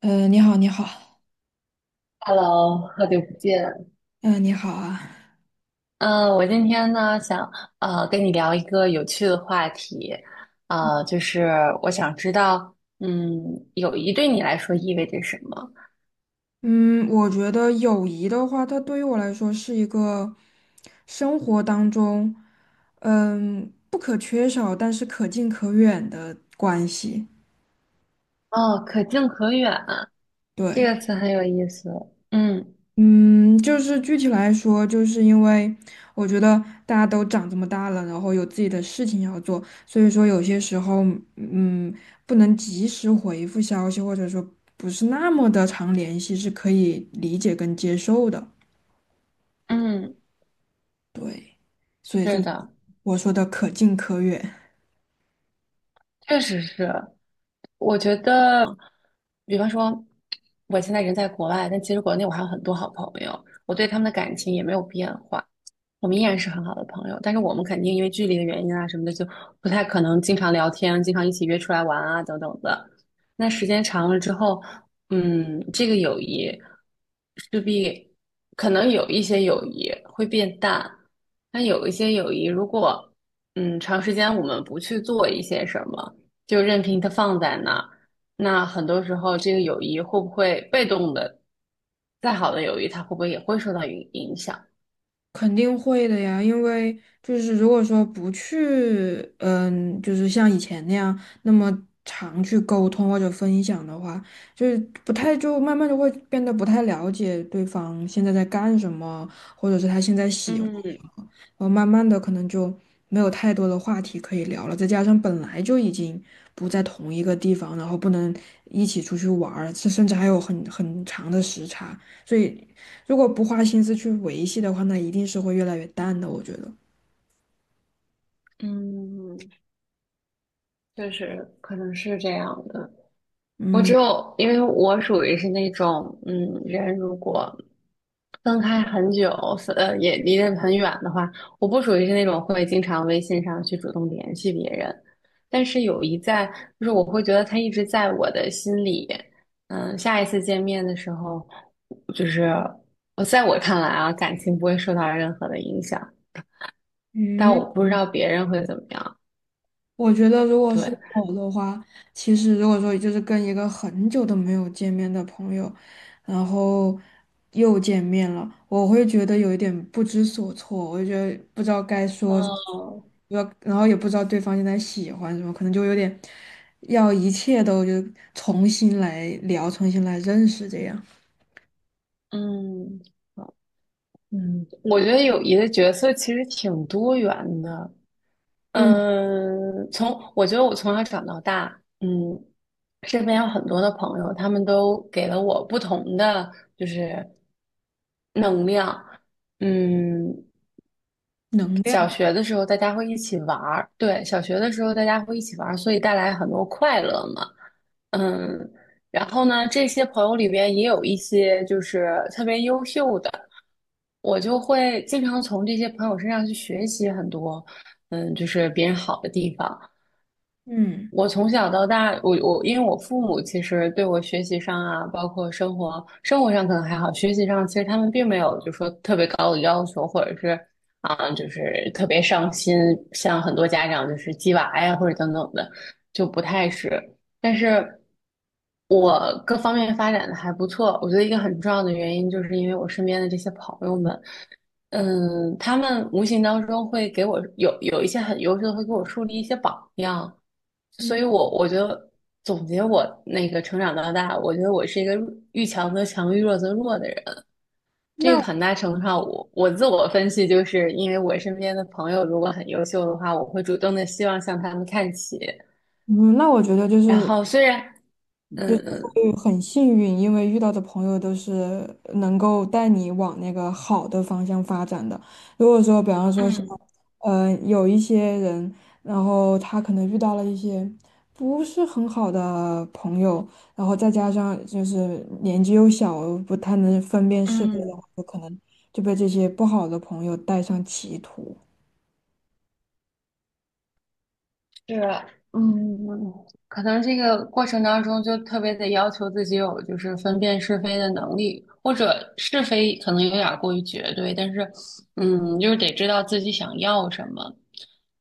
你好，你好，Hello，好久不见。嗯、你好啊。嗯，我今天呢想跟你聊一个有趣的话题，就是我想知道，友谊对你来说意味着什么？嗯，我觉得友谊的话，它对于我来说是一个生活当中，不可缺少，但是可近可远的关系。哦，可近可远这对。个词很有意思。嗯嗯，就是具体来说，就是因为我觉得大家都长这么大了，然后有自己的事情要做，所以说有些时候，嗯，不能及时回复消息，或者说不是那么的常联系，是可以理解跟接受的。嗯，对，所以这是的，我说的可近可远。确实是。我觉得，比方说，我现在人在国外，但其实国内我还有很多好朋友，我对他们的感情也没有变化。我们依然是很好的朋友，但是我们肯定因为距离的原因啊什么的，就不太可能经常聊天，经常一起约出来玩啊等等的。那时间长了之后，这个友谊势必可能有一些友谊会变淡，但有一些友谊如果长时间我们不去做一些什么，就任凭它放在那儿，那很多时候这个友谊会不会被动的，再好的友谊它会不会也会受到影响？肯定会的呀，因为就是如果说不去，就是像以前那样那么常去沟通或者分享的话，就是不太就慢慢就会变得不太了解对方现在在干什么，或者是他现在喜嗯，然后慢慢的可能就没有太多的话题可以聊了，再加上本来就已经不在同一个地方，然后不能一起出去玩儿，甚至还有很长的时差，所以如果不花心思去维系的话，那一定是会越来越淡的，我觉得。嗯，确实可能是这样的。我只嗯。有，因为我属于是那种，人如果分开很久，也离得很远的话，我不属于是那种会经常微信上去主动联系别人。但是有一在，就是我会觉得他一直在我的心里。下一次见面的时候，就是在我看来啊，感情不会受到任何的影响，但嗯。我不知道别人会怎么样。我觉得，如果是对。我的话，其实如果说就是跟一个很久都没有见面的朋友，然后又见面了，我会觉得有一点不知所措，我就觉得不知道该说什么，不哦。知道然后也不知道对方现在喜欢什么，可能就有点要一切都就重新来聊，重新来认识这样。嗯，嗯我觉得友谊的角色其实挺多元的。嗯，从我觉得我从小长到大，身边有很多的朋友，他们都给了我不同的就是能量。嗯，能量。小学的时候大家会一起玩儿，对，小学的时候大家会一起玩儿，所以带来很多快乐嘛。嗯，然后呢，这些朋友里边也有一些就是特别优秀的，我就会经常从这些朋友身上去学习很多，就是别人好的地方。嗯我从小到大，我因为我父母其实对我学习上啊，包括生活上可能还好，学习上其实他们并没有就说特别高的要求，或者是啊、就是特别上心，像很多家长就是鸡娃呀或者等等的，就不太是。但是我各方面发展的还不错，我觉得一个很重要的原因就是因为我身边的这些朋友们，他们无形当中会给我有一些很优秀的，会给我树立一些榜样，所嗯，以我觉得总结我那个成长到大，我觉得我是一个遇强则强，遇弱则弱的人。这那个很大程度上我，我自我分析，就是因为我身边的朋友如果很优秀的话，我会主动的希望向他们看齐。嗯，那我觉得就然是后虽然，就嗯是嗯。会很幸运，因为遇到的朋友都是能够带你往那个好的方向发展的。如果说，比方说像，嗯有一些人，然后他可能遇到了一些不是很好的朋友，然后再加上就是年纪又小，不太能分辨是非的话，嗯。有可能就被这些不好的朋友带上歧途。是，嗯，可能这个过程当中就特别得要求自己有就是分辨是非的能力，或者是非可能有点儿过于绝对，但是，就是得知道自己想要什么。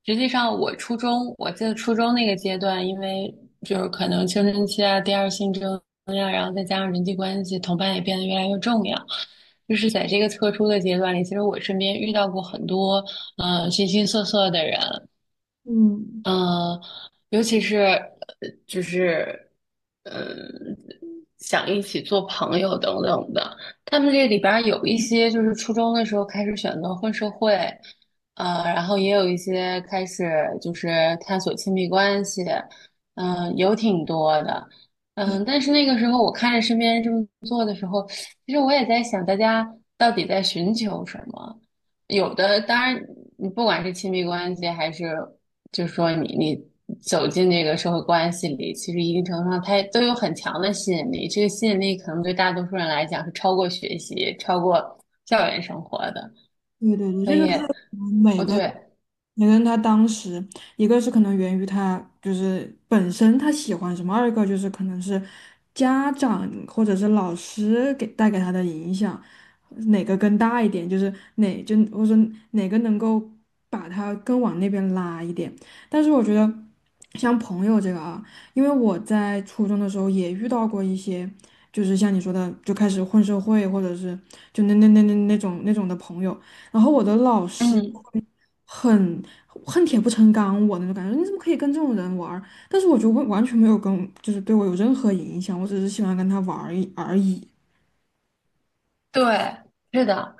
实际上，我初中，我记得初中那个阶段，因为就是可能青春期啊、第二性征呀、然后再加上人际关系，同伴也变得越来越重要。就是在这个特殊的阶段里，其实我身边遇到过很多形形色色的人，嗯，嗯，尤其是就是嗯，想一起做朋友等等的，他们这里边儿有一些就是初中的时候开始选择混社会，然后也有一些开始就是探索亲密关系，有挺多的，但是那个时候我看着身边人这么做的时候，其实我也在想，大家到底在寻求什么？有的当然，你不管是亲密关系还是就是说你走进这个社会关系里，其实一定程度上它都有很强的吸引力。这个吸引力可能对大多数人来讲是超过学习、超过校园生活的。对对对，所这以，就是。每哦个。对，你跟他当时，一个是可能源于他就是本身他喜欢什么，二一个就是可能是家长或者是老师给带给他的影响，哪个更大一点，就是哪就我说哪个能够把他更往那边拉一点。但是我觉得像朋友这个啊，因为我在初中的时候也遇到过一些，就是像你说的，就开始混社会或者是就那种那种的朋友。然后我的老师就嗯，会很恨铁不成钢我那种感觉，你怎么可以跟这种人玩儿但是我觉得完完全没有跟，就是对我有任何影响，我只是喜欢跟他玩儿一而已。对，是的，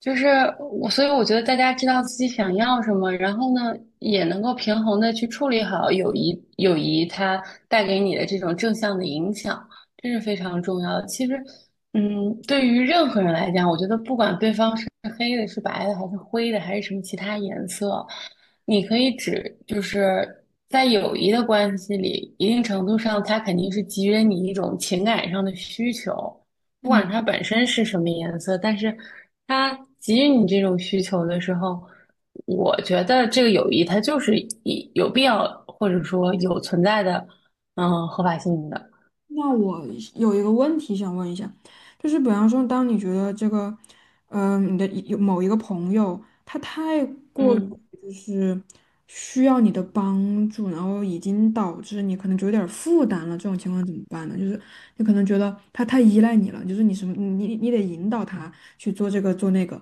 就是我，所以我觉得大家知道自己想要什么，然后呢，也能够平衡的去处理好友谊，友谊它带给你的这种正向的影响，这是非常重要的。其实，对于任何人来讲，我觉得不管对方是黑的、是白的，还是灰的，还是什么其他颜色，你可以指，就是在友谊的关系里，一定程度上，它肯定是给予了你一种情感上的需求。不嗯。管它本身是什么颜色，但是它给予你这种需求的时候，我觉得这个友谊它就是一有必要或者说有存在的，合法性的。那我有一个问题想问一下，就是比方说，当你觉得这个，你的一有某一个朋友，他太过于嗯就是需要你的帮助，然后已经导致你可能就有点儿负担了，这种情况怎么办呢？就是你可能觉得他太依赖你了，就是你什么，你你得引导他去做这个做那个，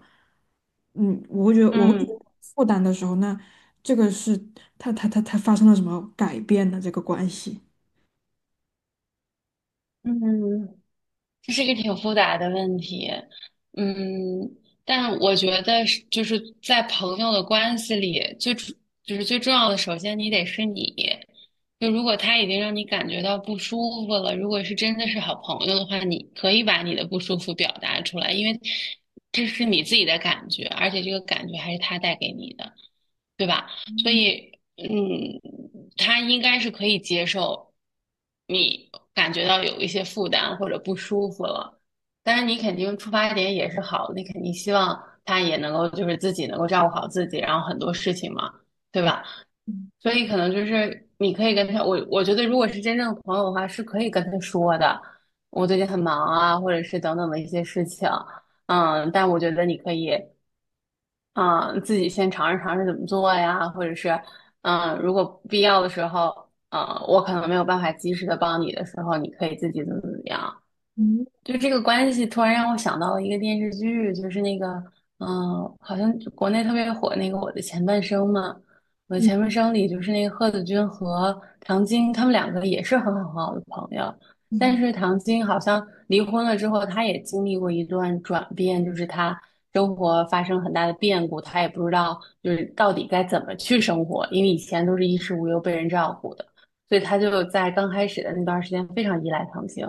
我会觉得我会觉嗯得负担的时候，那这个是他发生了什么改变的这个关系。嗯，这是一个挺复杂的问题，嗯，但我觉得是就是在朋友的关系里，就是最重要的，首先你得是你。就如果他已经让你感觉到不舒服了，如果是真的是好朋友的话，你可以把你的不舒服表达出来，因为这是你自己的感觉，而且这个感觉还是他带给你的。对吧？所以，嗯，他应该是可以接受你感觉到有一些负担或者不舒服了。当然，你肯定出发点也是好的，你肯定希望他也能够就是自己能够照顾好自己，然后很多事情嘛，对吧？所以可能就是你可以跟他，我觉得如果是真正的朋友的话，是可以跟他说的，我最近很忙啊，或者是等等的一些事情。但我觉得你可以。嗯，自己先尝试尝试怎么做呀，或者是，如果必要的时候，我可能没有办法及时的帮你的时候，你可以自己怎么怎么样。嗯就这个关系，突然让我想到了一个电视剧，就是那个，嗯、好像就国内特别火那个《我的前半生》嘛，《我的前半生》里就是那个贺子君和唐晶，他们两个也是很好很好的朋友，但嗯。是唐晶好像离婚了之后，她也经历过一段转变，就是她生活发生很大的变故，她也不知道就是到底该怎么去生活，因为以前都是衣食无忧被人照顾的，所以她就在刚开始的那段时间非常依赖唐晶。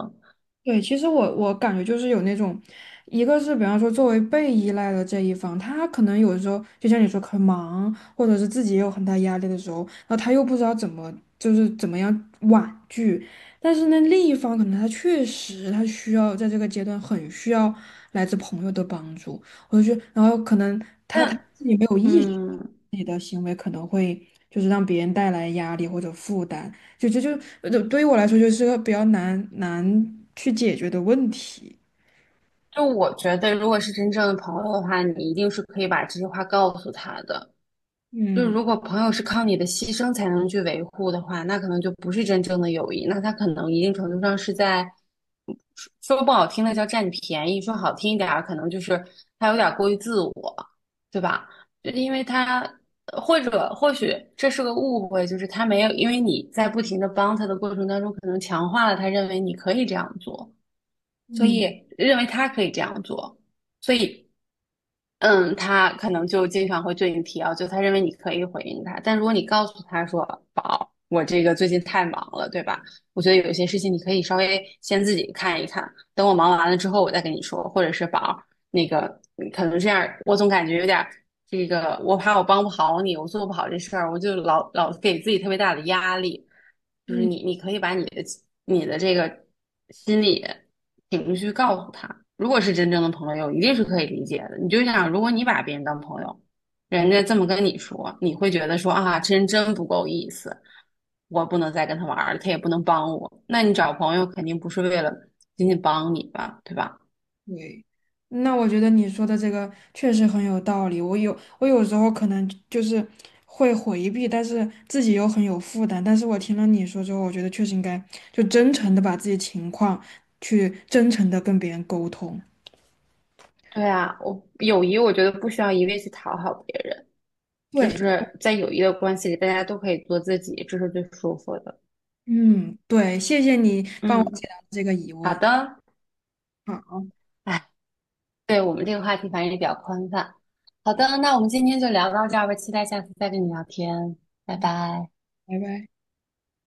对，其实我感觉就是有那种，一个是比方说作为被依赖的这一方，他可能有时候就像你说很忙，或者是自己也有很大压力的时候，然后他又不知道怎么就是怎么样婉拒，但是呢，另一方可能他确实他需要在这个阶段很需要来自朋友的帮助，我就觉得，然后可能他自己没有意识。嗯，你的行为可能会就是让别人带来压力或者负担，就这就就对于我来说就是个比较难去解决的问题。就我觉得，如果是真正的朋友的话，你一定是可以把这些话告诉他的。就是嗯如果朋友是靠你的牺牲才能去维护的话，那可能就不是真正的友谊，那他可能一定程度上是在说不好听的叫占你便宜，说好听一点儿，可能就是他有点过于自我，对吧？就是因为他或许这是个误会，就是他没有，因为你在不停的帮他的过程当中，可能强化了他认为你可以这样做。所嗯以认为他可以这样做，所以他可能就经常会对你提要求，他认为你可以回应他，但如果你告诉他说，宝，我这个最近太忙了，对吧？我觉得有些事情你可以稍微先自己看一看，等我忙完了之后我再跟你说，或者是宝儿那个可能这样，我总感觉有点这个，我怕我帮不好你，我做不好这事儿，我就老给自己特别大的压力。就是嗯你可以把你的这个心理情绪告诉他，如果是真正的朋友，一定是可以理解的。你就想，如果你把别人当朋友，人家这么跟你说，你会觉得说啊，这人真不够意思。我不能再跟他玩儿了，他也不能帮我。那你找朋友肯定不是为了仅仅帮你吧，对吧？对，那我觉得你说的这个确实很有道理。我有时候可能就是会回避，但是自己又很有负担。但是我听了你说之后，我觉得确实应该就真诚的把自己情况去真诚的跟别人沟通。对啊，我友谊我觉得不需要一味去讨好别人，就对。是在友谊的关系里，大家都可以做自己，这是最舒服的。嗯，对，谢谢你帮我解嗯，答这个疑好问。的，好。哎，对我们这个话题反正也比较宽泛。好嗯。的，那我们今天就聊到这儿吧，期待下次再跟你聊天，拜拜。拜拜。